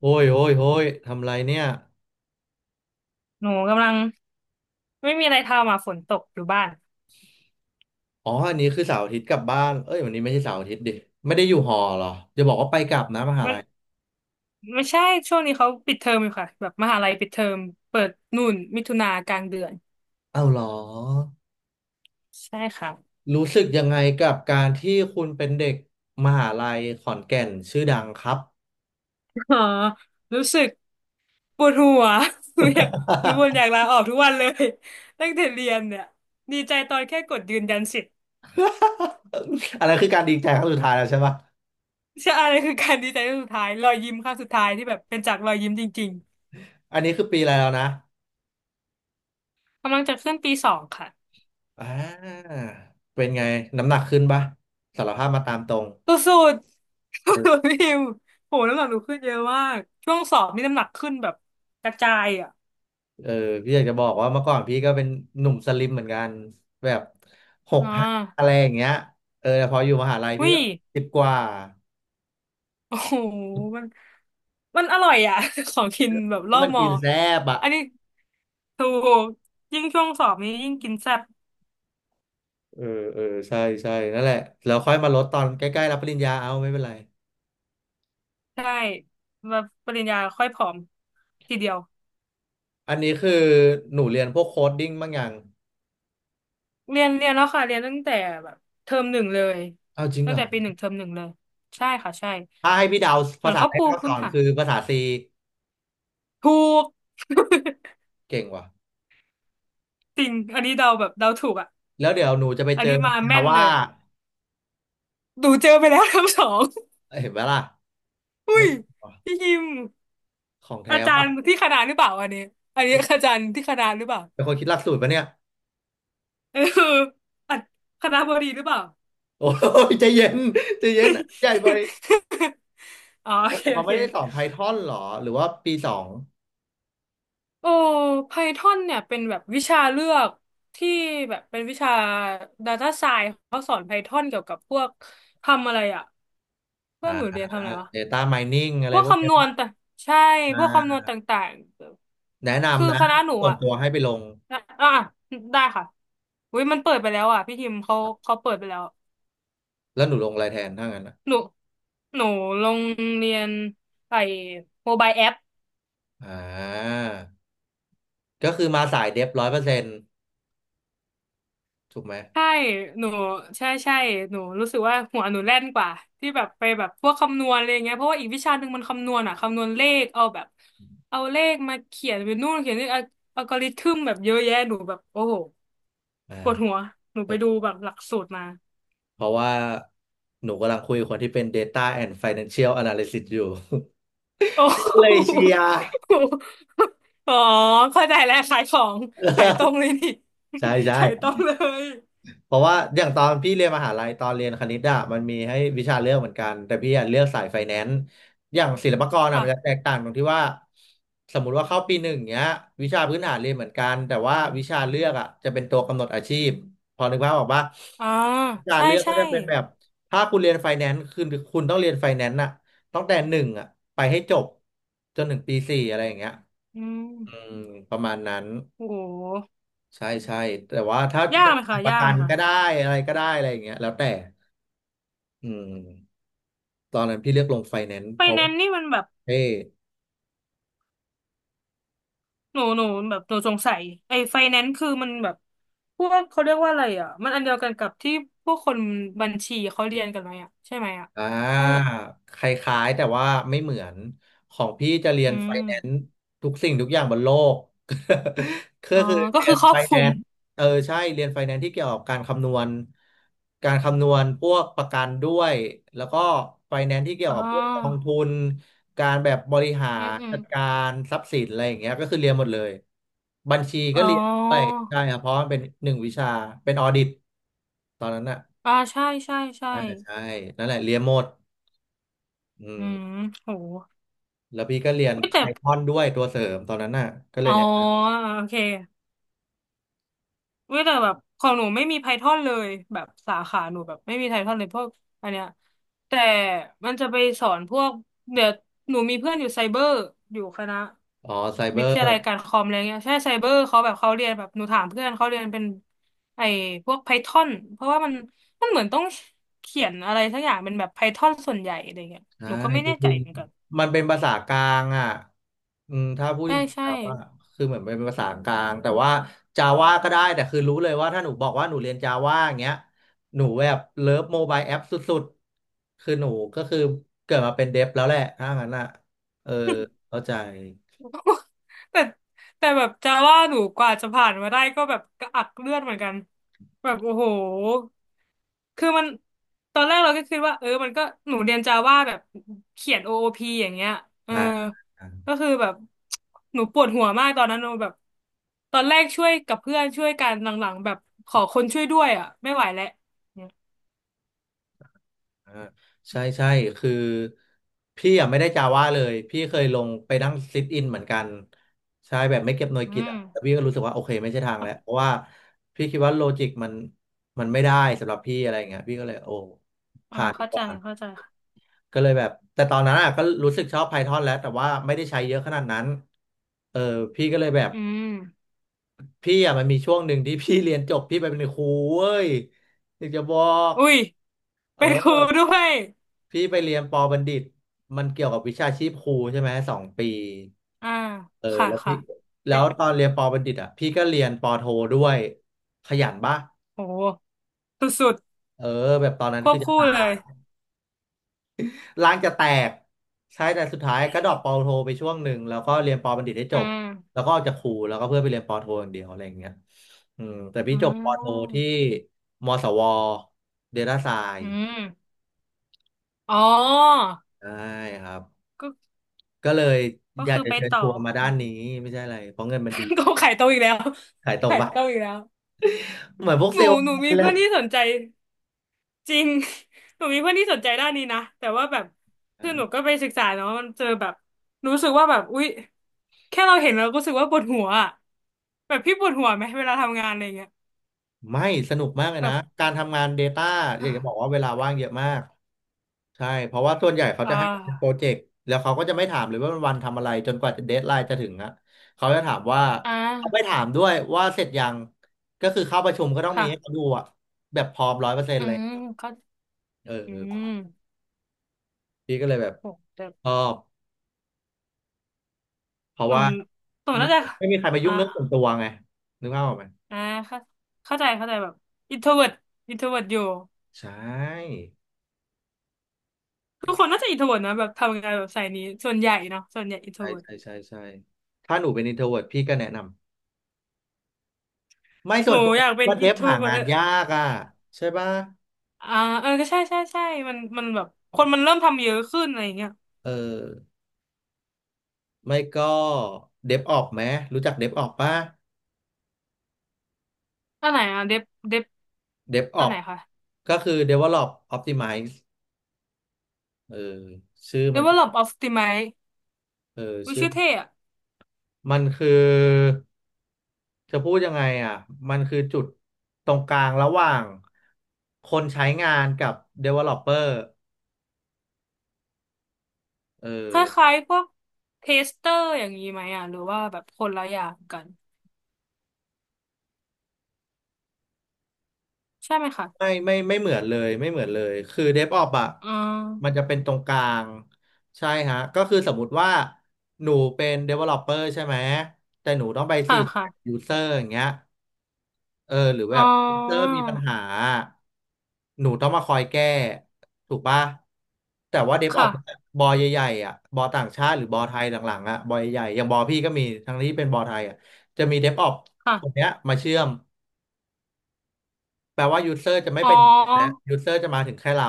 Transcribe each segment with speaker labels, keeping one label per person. Speaker 1: โอ้ยโอ้ยโอ้ยทำไรเนี่ย
Speaker 2: หนูกำลังไม่มีอะไรทำอ่ะฝนตกอยู่บ้าน
Speaker 1: อ๋ออันนี้คือเสาร์อาทิตย์กลับบ้าน เอ้ยวันนี้ไม่ใช่เสาร์อาทิตย์ดิ ไม่ได้อยู่หอเหรอ จะบอกว่าไปกลับนะมหา
Speaker 2: มัน
Speaker 1: ลัย
Speaker 2: ไม่ใช่ช่วงนี้เขาปิดเทอมอยู่ค่ะแบบมหาลัยปิดเทอมเปิดนู่นมิถุนากลางเดือน
Speaker 1: เอ้าเหรอ
Speaker 2: ใช่ค่ะ
Speaker 1: รู้สึกยังไงกับการที่คุณเป็นเด็กมหาลัยขอนแก่นชื่อดังครับ
Speaker 2: อ๋อรู้สึกปวดหัว หนูอยากหนูบ่นอยากลาออกทุกวันเลยตั้งแต่เรียนเนี่ยดีใจตอนแค่กดยืนยันสิทธิ์
Speaker 1: อันนั้นคือการดีใจครั้งสุดท้ายแล้วใช่ปะ
Speaker 2: ใช่อะไรคือการดีใจครั้งสุดท้ายรอยยิ้มครั้งสุดท้ายที่แบบเป็นจากรอยยิ้มจริง
Speaker 1: อันนี้คือปีอะไรแล้วนะ
Speaker 2: ๆกำลังจะขึ้นปีสองค่ะ
Speaker 1: อ่าเป็นไง น้ำหนักขึ้นปะสารภาพมาตามตรง
Speaker 2: สุดๆ พี่พิมโหน้ำหนักหนูขึ้นเยอะมากช่วงสอบนี่น้ำหนักขึ้นแบบกระจายอ่ะ
Speaker 1: เออพี่อยากจะบอกว่าเมื่อก่อนพี่ก็เป็นหนุ่มสลิมเหมือนกันแบบหก
Speaker 2: อ่
Speaker 1: ห้าอะไร
Speaker 2: า
Speaker 1: อย่างเงี้ยเออแต่พออยู่มหาลัยพี่
Speaker 2: วิ
Speaker 1: ก็สิบกว่า
Speaker 2: โอ้โหมันอร่อยอ่ะ ของกินแบบ
Speaker 1: เพ
Speaker 2: รอ
Speaker 1: ราะ
Speaker 2: บ
Speaker 1: มัน
Speaker 2: มอ
Speaker 1: กินแซ่บอ่ะ
Speaker 2: อันนี้ถูกยิ่งช่วงสอบนี้ยิ่งกินแซ่บ
Speaker 1: เออเออใช่ใช่นั่นแหละแล้วค่อยมาลดตอนใกล้ๆรับปริญญาเอาไม่เป็นไร
Speaker 2: ใช่แบบปริญญาค่อยผอมทีเดียว
Speaker 1: อันนี้คือหนูเรียนพวกโคดดิ้งบ้างอย่าง
Speaker 2: เรียนแล้วค่ะเรียนตั้งแต่แบบเทอมหนึ่งเลย
Speaker 1: เอาจริง
Speaker 2: ตั้
Speaker 1: เห
Speaker 2: ง
Speaker 1: รอ
Speaker 2: แต่ปีหนึ่งเทอมหนึ่งเลยใช่ค่ะใช่
Speaker 1: ถ้าให้พี่เดา
Speaker 2: เหมื
Speaker 1: ภา
Speaker 2: อน
Speaker 1: ษา
Speaker 2: เขา
Speaker 1: แรก
Speaker 2: ปู
Speaker 1: ที่เขาส
Speaker 2: พื้น
Speaker 1: อน
Speaker 2: ฐาน
Speaker 1: คือภาษา C
Speaker 2: ถูก
Speaker 1: เก่งว่ะ
Speaker 2: จริงอันนี้เดาแบบเดาถูกอ่ะ
Speaker 1: แล้วเดี๋ยวหนูจะไป
Speaker 2: อัน
Speaker 1: เจอ
Speaker 2: นี้มา
Speaker 1: จา
Speaker 2: แม่นเล
Speaker 1: ว่า
Speaker 2: ยดูเจอไปแล้ว ทั้งสอง
Speaker 1: เห็นไหมล่ะ
Speaker 2: อุ้
Speaker 1: ไม่
Speaker 2: ย
Speaker 1: งว่ะ
Speaker 2: พี่ยิม
Speaker 1: ของแท้
Speaker 2: อาจา
Speaker 1: ว่ะ
Speaker 2: รย์ที่คณะหรือเปล่าอันนี้อันนี้อาจารย์ที่คณะหรือเปล่า
Speaker 1: เป็นคนคิดหลักสูตรปะเนี่ย
Speaker 2: เอออ่ะคณะบดีหรือเปล่า
Speaker 1: โอ้ยใจเย็นใจเย็นใหญ่ไป
Speaker 2: อ๋อโอเค
Speaker 1: แต่
Speaker 2: โอ
Speaker 1: เขาไม่
Speaker 2: เค
Speaker 1: ได้สอน Python หรอหรือว่าปีสอง
Speaker 2: โอ้ Python เนี่ยเป็นแบบวิชาเลือกที่แบบเป็นวิชา Data Science เขาสอน Python เกี่ยวกับพวกทำอะไรอ่ะเพื่
Speaker 1: อ่า
Speaker 2: อนหนูเรียนทำอะไรวะ
Speaker 1: Data Mining อะ
Speaker 2: พ
Speaker 1: ไร
Speaker 2: วก
Speaker 1: พวกเนี้
Speaker 2: คำ
Speaker 1: ย
Speaker 2: นวณ
Speaker 1: ป่ะ
Speaker 2: ต่างใช่
Speaker 1: อ
Speaker 2: พวกคำนวณ
Speaker 1: ่า
Speaker 2: ต่าง
Speaker 1: แนะ
Speaker 2: ๆคือ
Speaker 1: นำนะ
Speaker 2: คณะหนู
Speaker 1: ส่วน
Speaker 2: อ่ะ
Speaker 1: ตัวให้ไปลง
Speaker 2: อ่ะอ่ะได้ค่ะอุ้ยมันเปิดไปแล้วอ่ะพี่ทิมเขาเขาเปิดไปแล้ว
Speaker 1: แล้วหนูลงอะไรแทนถ้างั้นนะ
Speaker 2: หนูหนูลงเรียนไอ้โมบายแอป
Speaker 1: อ่าก็คือมาสายเดฟ100%ถูกไหม
Speaker 2: ใช่หนูใช่ใช่หนูรู้สึกว่าหัวหนูแล่นกว่าที่แบบไปแบบพวกคำนวณอะไรงเงี้ยเพราะว่าอีกวิชาหนึ่งมันคำนวณอ่ะคำนวณเลขเอาแบบเอาเลขมาเขียนเป็นนู่นเขียนนี่อัลกอริทึมแบบเยอะแยะหนูแบบโอ้โห ปวดหั
Speaker 1: อ่า
Speaker 2: วหนูไปดูแบบหลักสูตรมา
Speaker 1: เพราะว่าหนูกำลังคุยกับคนที่เป็น Data and Financial Analysis อยู่
Speaker 2: โอ้
Speaker 1: พี่
Speaker 2: โ
Speaker 1: ก็เลยเชี
Speaker 2: ห
Speaker 1: ยร์
Speaker 2: อ๋อเข้าใจแล้วขายของขายตรงเลยนี่
Speaker 1: ใช่ ใช่
Speaker 2: ขายตรงเลย
Speaker 1: เพราะว่าอย่างตอนพี่เรียนมหาลัยตอนเรียนคณิตอะมันมีให้วิชาเลือกเหมือนกันแต่พี่อะเลือกสายไฟแนนซ์อย่างศิลปากรอะ
Speaker 2: ค่ะ
Speaker 1: มันจะแตกต่างตรงที่ว่าสมมุติว่าเข้าปี 1เนี้ยวิชาพื้นฐานเรียนเหมือนกันแต่ว่าวิชาเลือกอะจะเป็นตัวกำหนดอาชีพพอนึกภาพออกปะ
Speaker 2: อ่า
Speaker 1: วิชา
Speaker 2: ใช่
Speaker 1: เลือกก็
Speaker 2: ใช่
Speaker 1: จะเป็นแบบถ้าคุณเรียนไฟแนนซ์คือคุณต้องเรียนไฟแนนซ์อะตั้งแต่หนึ่งอะไปให้จบจนถึงปี 4อะไรอย่างเงี้ย
Speaker 2: อื
Speaker 1: อื
Speaker 2: ม
Speaker 1: มประมาณนั้น
Speaker 2: โอ้โห
Speaker 1: ใช่ใช่แต่ว่าถ้า
Speaker 2: ยา
Speaker 1: จะ
Speaker 2: กไหมคะ
Speaker 1: ประ
Speaker 2: ยาก
Speaker 1: กั
Speaker 2: ไหม
Speaker 1: น
Speaker 2: คะ
Speaker 1: ก็ได้อะไรก็ได้อะไรอย่างเงี้ยแล้วแต่อืมตอนนั้นพี่เลือกลงไฟแนนซ์
Speaker 2: ไฟ
Speaker 1: เพราะ
Speaker 2: แนนซ์นี่มันแบบ
Speaker 1: เท่
Speaker 2: หนูหนูแบบหนูสงสัยไอ้ไฟแนนซ์คือมันแบบพวกเขาเรียกว่าอะไรอ่ะมันอันเดียวกันกับที่พวกคนบัญชีเขาเรียนกันไหมอ่ะใช่ไหมอ่ะ
Speaker 1: อ่
Speaker 2: ถ้าแบ
Speaker 1: า
Speaker 2: บ
Speaker 1: คล้ายๆแต่ว่าไม่เหมือนของพี่จะเรีย
Speaker 2: อื
Speaker 1: นไฟ
Speaker 2: ม
Speaker 1: แนนซ์ทุกสิ่งทุกอย่างบนโลก ก็
Speaker 2: อ๋อ
Speaker 1: คือ
Speaker 2: ก็
Speaker 1: เรีย
Speaker 2: คือ
Speaker 1: น
Speaker 2: ครอ
Speaker 1: ไฟ
Speaker 2: บค
Speaker 1: แน
Speaker 2: ลุม
Speaker 1: นซ์เออใช่เรียนไฟแนนซ์ที่เกี่ยวกับการคำนวณการคำนวณพวกประกันด้วยแล้วก็ไฟแนนซ์ที่เกี่ย
Speaker 2: อ๋
Speaker 1: วกับพวกกอง
Speaker 2: อ
Speaker 1: ทุนการแบบบริหา
Speaker 2: อืม
Speaker 1: ร
Speaker 2: อืม
Speaker 1: จัดการทรัพย์สินอะไรอย่างเงี้ยก็คือเรียนหมดเลยบัญชีก็
Speaker 2: อ๋
Speaker 1: เรียนด้วย
Speaker 2: อ
Speaker 1: ใช่ครับเพราะมันเป็น1 วิชาเป็นออดิตตอนนั้นอ่ะ
Speaker 2: อ่าใช่ใช่ใช่
Speaker 1: อ่าใช่นั่นแหละเรียนหมด อื
Speaker 2: อื
Speaker 1: ม
Speaker 2: มโห
Speaker 1: แล้วพี่ก็เรียน
Speaker 2: ไม่แต่
Speaker 1: ไพทอนด้วยตัวเสริมตอนนั้นน่ะก็เล
Speaker 2: อ๋
Speaker 1: ย
Speaker 2: อ
Speaker 1: เนี่ย
Speaker 2: โอเค เว้ยแต่แบบของหนูไม่มีไพทอนเลยแบบสาขาหนูแบบไม่มีไพทอนเลยพวกอันเนี้ยแต่มันจะไปสอนพวกเดี๋ยวหนูมีเพื่อนอยู่ไซเบอร์อยู่คณะ
Speaker 1: อ๋อไซเบ
Speaker 2: วิ
Speaker 1: อ
Speaker 2: ท
Speaker 1: ร์
Speaker 2: ยาลัยการคอมอะไรเงี้ยใช่ไซเบอร์เขาแบบเขาเรียนแบบหนูถามเพื่อนเขาเรียนเป็นไอ้พวกไพทอนเพราะว่ามันเหมือนต้องเขียนอะไรสักอย่างเป็นแบบไพทอนส่วนใหญ่อะไรเงี้ย
Speaker 1: ใช่
Speaker 2: หนูก็ไม่
Speaker 1: จ
Speaker 2: แน่ใจ
Speaker 1: ริง
Speaker 2: เหมือนกัน
Speaker 1: ๆมันเป็นภาษากลางอ่ะอืมถ้าพูดจ
Speaker 2: ใช่
Speaker 1: ริงๆ
Speaker 2: ใช่
Speaker 1: แล้วว่าคือเหมือนเป็นภาษากลางแต่ว่าจาว่าก็ได้แต่คือรู้เลยว่าถ้าหนูบอกว่าหนูเรียนจาว่าอย่างเงี้ยหนูแบบเลิฟโมบายแอปสุดๆคือหนูก็คือเกิดมาเป็นเดฟแล้วแหละถ้างั้นอ่ะเออเข้าใจ
Speaker 2: แต่แต่แบบจะว่าหนูกว่าจะผ่านมาได้ก็แบบกระอักเลือดเหมือนกันแบบโอ้โหคือมันตอนแรกเราก็คิดว่าเออมันก็หนูเรียนจาว่าแบบเขียน OOP อโอพีอย่างเงี้ยเออ
Speaker 1: อ่
Speaker 2: ก็
Speaker 1: า
Speaker 2: คือแบบหนูปวดหัวมากตอนนั้นหนูแบบตอนแรกช่วยกับเพื่อนช่วยกันหลังๆแบบขอคนช่วยด้วยอ่ะไม่ไหวแล้วเนี่ย
Speaker 1: อ่าใช่ใช่คือพี่อ่ะไม่ได้จาว่าเลยพี่เคยลงไปนั่งซิทอินเหมือนกันใช่แบบไม่เก็บหน่วย
Speaker 2: อื
Speaker 1: กิต
Speaker 2: ม
Speaker 1: อ่ะแต่พี่ก็รู้สึกว่าโอเคไม่ใช่ทางแล้ว
Speaker 2: อ่ะ
Speaker 1: เพราะว่าพี่คิดว่าโลจิกมันไม่ได้สำหรับพี่อะไรอย่างเงี้ยพี่ก็เลยโอ้
Speaker 2: อ่า
Speaker 1: ผ่านดี
Speaker 2: เข้า
Speaker 1: ก
Speaker 2: ใจ
Speaker 1: ว่า
Speaker 2: เข้าใจค่ะ
Speaker 1: ก็เลยแบบแต่ตอนนั้นอ่ะก็รู้สึกชอบ Python แล้วแต่ว่าไม่ได้ใช้เยอะขนาดนั้นเออพี่ก็เลยแบบ
Speaker 2: อืม
Speaker 1: พี่อ่ะมันมีช่วงหนึ่งที่ พี่เรียนจบพี่ไปเป็นครูเว้ยอยากจะบอก
Speaker 2: อุ้ยเป็นครู
Speaker 1: เออ
Speaker 2: ด้วย
Speaker 1: พี่ไปเรียนปอบัณฑิตมันเกี่ยวกับวิชาชีพครูใช่ไหม2 ปี
Speaker 2: อ่า
Speaker 1: เออ
Speaker 2: ค่ะค่ะ
Speaker 1: แล้วตอนเรียนปอบัณฑิตอ่ะพี่ก็เรียนปอโทด้วยขยันปะ
Speaker 2: โอ้สุด
Speaker 1: เออแบบตอนนั้
Speaker 2: ๆ
Speaker 1: น
Speaker 2: คว
Speaker 1: คื
Speaker 2: บ
Speaker 1: อจะ
Speaker 2: คู่
Speaker 1: ตา
Speaker 2: เลย
Speaker 1: ยร่างจะแตกใช่แต่สุดท้ายก็ดรอปปอโทไปช่วงหนึ่งแล้วก็เรียนปอบัณฑิตให้จ
Speaker 2: อ่า
Speaker 1: บแล้วก็ออกจากครูแล้วก็เพื่อไปเรียนปอโทอย่างเดียวอะไรอย่างเงี้ยอืมแต่พี่
Speaker 2: อ๋
Speaker 1: จบปอโท
Speaker 2: อ
Speaker 1: ที่มศวเดลต้าไซ
Speaker 2: อื
Speaker 1: น์
Speaker 2: มอ๋อ
Speaker 1: ใช่ครับ
Speaker 2: ก็
Speaker 1: ก็เลย
Speaker 2: ก็
Speaker 1: อยาก
Speaker 2: คือ
Speaker 1: จะ
Speaker 2: ไป
Speaker 1: เชิญ
Speaker 2: ต่อ
Speaker 1: ชวนมาด้านนี้ไม่ใช่อะไรเพราะเงินมันดี
Speaker 2: ก็ขายตรงอีกแล้ว
Speaker 1: ขายตรง
Speaker 2: ขาย
Speaker 1: ปะ
Speaker 2: ตรงอีกแล้ว
Speaker 1: เหมือนพวก
Speaker 2: ห
Speaker 1: เซ
Speaker 2: นู
Speaker 1: ลล์
Speaker 2: หนูมี
Speaker 1: เล
Speaker 2: เพื่อ
Speaker 1: ย
Speaker 2: นที่สนใจจริง หนูมีเพื่อนที่สนใจด้านนี้นะแต่ว่าแบบ
Speaker 1: เอ
Speaker 2: คือหนู
Speaker 1: อ
Speaker 2: ก็ไปศึกษาเนาะมันเจอแบบรู้สึกว่าแบบอุ๊ยแค่เราเห็นเราก็รู้สึกว่าปวดหัวอะแบบพี่ปวดหัวไหมเวลาทำงานอะไรเงี้ย
Speaker 1: ไม่สนุกมากเลยนะ
Speaker 2: แบบ
Speaker 1: การทำงาน Data อยากจะบอกว่าเวลาว่างเยอะมากใช่เพราะว่าส่วนใหญ่เขา
Speaker 2: อ่า
Speaker 1: จะให้เป็นโปรเจกต์แล้วเขาก็จะไม่ถามเลยว่าวันทำอะไรจนกว่าเดดไลน์จะ deadline จะถึงอะเขาจะถามว่า
Speaker 2: อ่า
Speaker 1: เขาไม่ถามด้วยว่าเสร็จยังก็คือเข้าประชุมก็ต้องมีให้เขา
Speaker 2: ค่ะ
Speaker 1: ดูอะแบบพร้อม100%
Speaker 2: อื
Speaker 1: อะไรอย่าง
Speaker 2: ม
Speaker 1: เงี้ยครับ
Speaker 2: เขา
Speaker 1: เออ
Speaker 2: อื
Speaker 1: เออ
Speaker 2: ม
Speaker 1: พี่ก็เลยแบบ
Speaker 2: โหแต่
Speaker 1: ชอบเพราะ
Speaker 2: หนู
Speaker 1: ว่า
Speaker 2: หนู
Speaker 1: ไม่
Speaker 2: น่าจะ
Speaker 1: ไม่มีใครมายุ่
Speaker 2: อ่า
Speaker 1: งเรื่องส่วนตัวไงนึกภาพออกไหม
Speaker 2: อ่าเข้าเข้าใจเข้าใจแบบอินโทรเวิร์ตอินโทรเวิร์ตอยู่
Speaker 1: ใช่
Speaker 2: ทุกคนน่าจะอินโทรเวิร์ตนะแบบทำงานแบบสายนี้ส่วนใหญ่เนาะส่วนใหญ่อินโทร
Speaker 1: ใช่
Speaker 2: เวิร์ต
Speaker 1: ใช่ใช่ใช่ถ้าหนูเป็น introvert พี่ก็แนะนำไม่
Speaker 2: ห
Speaker 1: ส่ว
Speaker 2: นู
Speaker 1: นตัว
Speaker 2: อยากเป็น
Speaker 1: ว่าเด
Speaker 2: อิน
Speaker 1: ฟ
Speaker 2: โทร
Speaker 1: หา
Speaker 2: เวิร์
Speaker 1: งาน
Speaker 2: ต
Speaker 1: ยากอ่ะใช่ป่ะ
Speaker 2: อ่าเออก็ใช่ใช่ใช่มันแบบคนมันเริ่มทำเยอะขึ้นอะไรอย่างเงี้ย
Speaker 1: เออไม่ก็เดฟออกไหมรู้จักเดฟออกป่ะ
Speaker 2: อันไหนอ่ะเดฟเดฟ
Speaker 1: เดฟอ
Speaker 2: อั
Speaker 1: อ
Speaker 2: นไห
Speaker 1: ก
Speaker 2: นคะ
Speaker 1: ก็คือ develop optimize เออชื่อมันคือ
Speaker 2: Develop Optimize
Speaker 1: เออ
Speaker 2: วิ
Speaker 1: ชื่อ
Speaker 2: ชื่อเท่อะ
Speaker 1: มันคือจะพูดยังไงอ่ะมันคือจุดตรงกลางระหว่างคนใช้งานกับ developer เออ
Speaker 2: คล้ายๆพวกเทสเตอร์อย่างนี้ไหมอ่ะหรือว่าแบบคนละอย่างกันใช่ไหมคะ
Speaker 1: ไม่ไม่ไม่เหมือนเลยไม่เหมือนเลยคือ DevOps อ่ะ
Speaker 2: อ่
Speaker 1: มัน
Speaker 2: า
Speaker 1: จะเป็นตรงกลางใช่ฮะก็คือสมมุติว่าหนูเป็น developer ใช่ไหมแต่หนูต้องไป
Speaker 2: ค่ะ
Speaker 1: สื่อสาร
Speaker 2: ค่ะ
Speaker 1: กับ user อย่างเงี้ยเออหรือแบ
Speaker 2: อ๋อ
Speaker 1: บ user มีปัญหาหนูต้องมาคอยแก้ถูกปะแต่ว่า
Speaker 2: ค่ะ
Speaker 1: DevOps บอใหญ่ๆอ่ะบอต่างชาติหรือบอไทยหลังๆอ่ะบอใหญ่ๆอย่างบอพี่ก็มีทั้งนี้เป็นบอไทยอ่ะจะมี DevOps คน
Speaker 2: ค่ะ
Speaker 1: เนี้ยมาเชื่อม แปลว่ายูเซอร์จะไม่
Speaker 2: อ๋อ
Speaker 1: ไปถึงแอปแล้วยูเซอร์จะมาถึงแค่เรา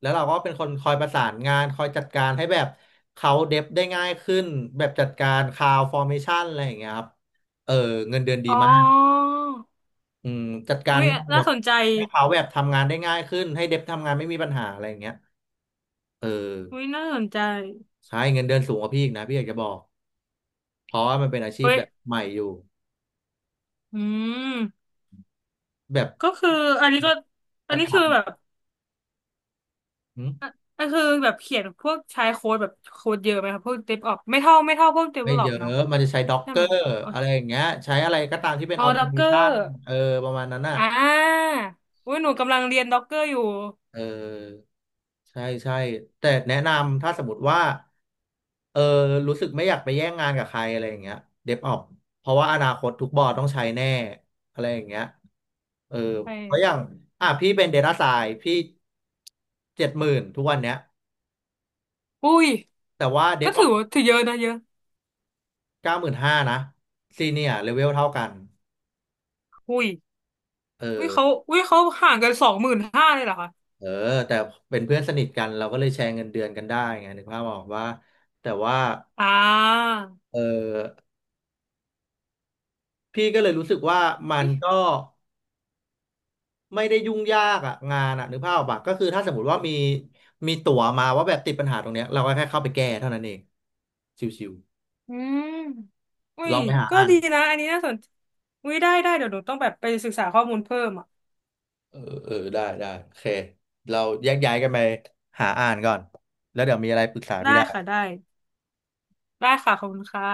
Speaker 1: แล้วเราก็เป็นคนคอยประสานงานคอยจัดการให้แบบเขาเดฟได้ง่ายขึ้นแบบจัดการคลาวฟอร์เมชันอะไรอย่างเงี้ยครับเออเงินเดือนดี
Speaker 2: อ๋อ
Speaker 1: มากอืมจัดการ
Speaker 2: วิ
Speaker 1: หม
Speaker 2: น่า
Speaker 1: ด
Speaker 2: สนใจ
Speaker 1: ให้เขาแบบทำงานได้ง่ายขึ้นให้เดฟทำงานไม่มีปัญหาอะไรอย่างเงี้ยเออ
Speaker 2: วิน่าสนใจ
Speaker 1: ใช่เงินเดือนสูงกว่าพี่อีกนะพี่อยากจะบอกเพราะว่ามันเป็นอาชีพ
Speaker 2: เว้ย
Speaker 1: แบบใหม่อยู่
Speaker 2: อืม
Speaker 1: แบบ
Speaker 2: ก็คืออันนี้ก็อั
Speaker 1: อ่ะ
Speaker 2: นนี้
Speaker 1: ถา
Speaker 2: คือ
Speaker 1: ม
Speaker 2: แบบ
Speaker 1: อืม
Speaker 2: อ่ะก็คือแบบเขียนพวกใช้โค้ดแบบโค้ดเยอะไหมครับพวกเดฟออปไม่เท่าไม่เท่าพวกเดเว
Speaker 1: ไม่
Speaker 2: ลลอ
Speaker 1: เย
Speaker 2: ป
Speaker 1: อะ
Speaker 2: เนาะ
Speaker 1: มันจะใช้ด็อก
Speaker 2: ใช่
Speaker 1: เกอ
Speaker 2: ไหม
Speaker 1: ร์
Speaker 2: อ๋อ
Speaker 1: อะไรอย่างเงี้ยใช้อะไรก็ตามที่เป็น
Speaker 2: อ๋
Speaker 1: อ
Speaker 2: อ
Speaker 1: อโต
Speaker 2: ด็อก
Speaker 1: เม
Speaker 2: เกอ
Speaker 1: ชั
Speaker 2: ร์
Speaker 1: นเออประมาณนั้นอ่ะ
Speaker 2: อ่าอุ้ยหนูกำลังเรียนด็อกเกอร์อยู่
Speaker 1: เออใช่ใช่แต่แนะนำถ้าสมมติว่าเออรู้สึกไม่อยากไปแย่งงานกับใครอะไรอย่างเงี้ยเดฟออกเพราะว่าอนาคตทุกบอร์ดต้องใช้แน่อะไรอย่างเงี้ยเออ
Speaker 2: ไป
Speaker 1: เพราะอย่างอ่ะพี่เป็น Data Science พี่70,000ทุกวันเนี้ย
Speaker 2: อุ้ย
Speaker 1: แต่ว่าเด
Speaker 2: ก็
Speaker 1: ฟอ
Speaker 2: ถื
Speaker 1: อ
Speaker 2: อ
Speaker 1: ก
Speaker 2: ว่าถือเยอะนะเยอะ
Speaker 1: 95,000นะซีเนียร์เลเวลเท่ากัน
Speaker 2: อุ้ย
Speaker 1: เออ
Speaker 2: อุ้ยเขาอุ้ยเขาห่างกันสองหมื่นห้าเลยเหรอคะ
Speaker 1: เออแต่เป็นเพื่อนสนิทกันเราก็เลยแชร์เงินเดือนกันได้ไงนึกภาพออกว่าแต่ว่า
Speaker 2: อ่า
Speaker 1: เออพี่ก็เลยรู้สึกว่ามันก็ไม่ได้ยุ่งยากอะงานอะนึกภาพออกปะก็คือถ้าสมมติว่ามีมีตั๋วมาว่าแบบติดปัญหาตรงเนี้ยเราก็แค่เข้าไปแก้เท่านั้นเองชิว
Speaker 2: อืมอุ้
Speaker 1: ๆล
Speaker 2: ย
Speaker 1: องไปหา
Speaker 2: ก็
Speaker 1: อ่าน
Speaker 2: ดีนะ อันนี้น่าสนอุ้ยได้ได้ เดี๋ยวหนูต้องแบบไปศึกษาข้อมูลเพิ่มอ่ะ
Speaker 1: เออเออได้ได้โอเคเราแยกย้ายกันไปหาอ่านก่อนแล้วเดี๋ยวมีอะไรปรึกษา
Speaker 2: ได้
Speaker 1: พี่ได้
Speaker 2: ค่ะได้ได้ค่ะขอบคุณค่ะ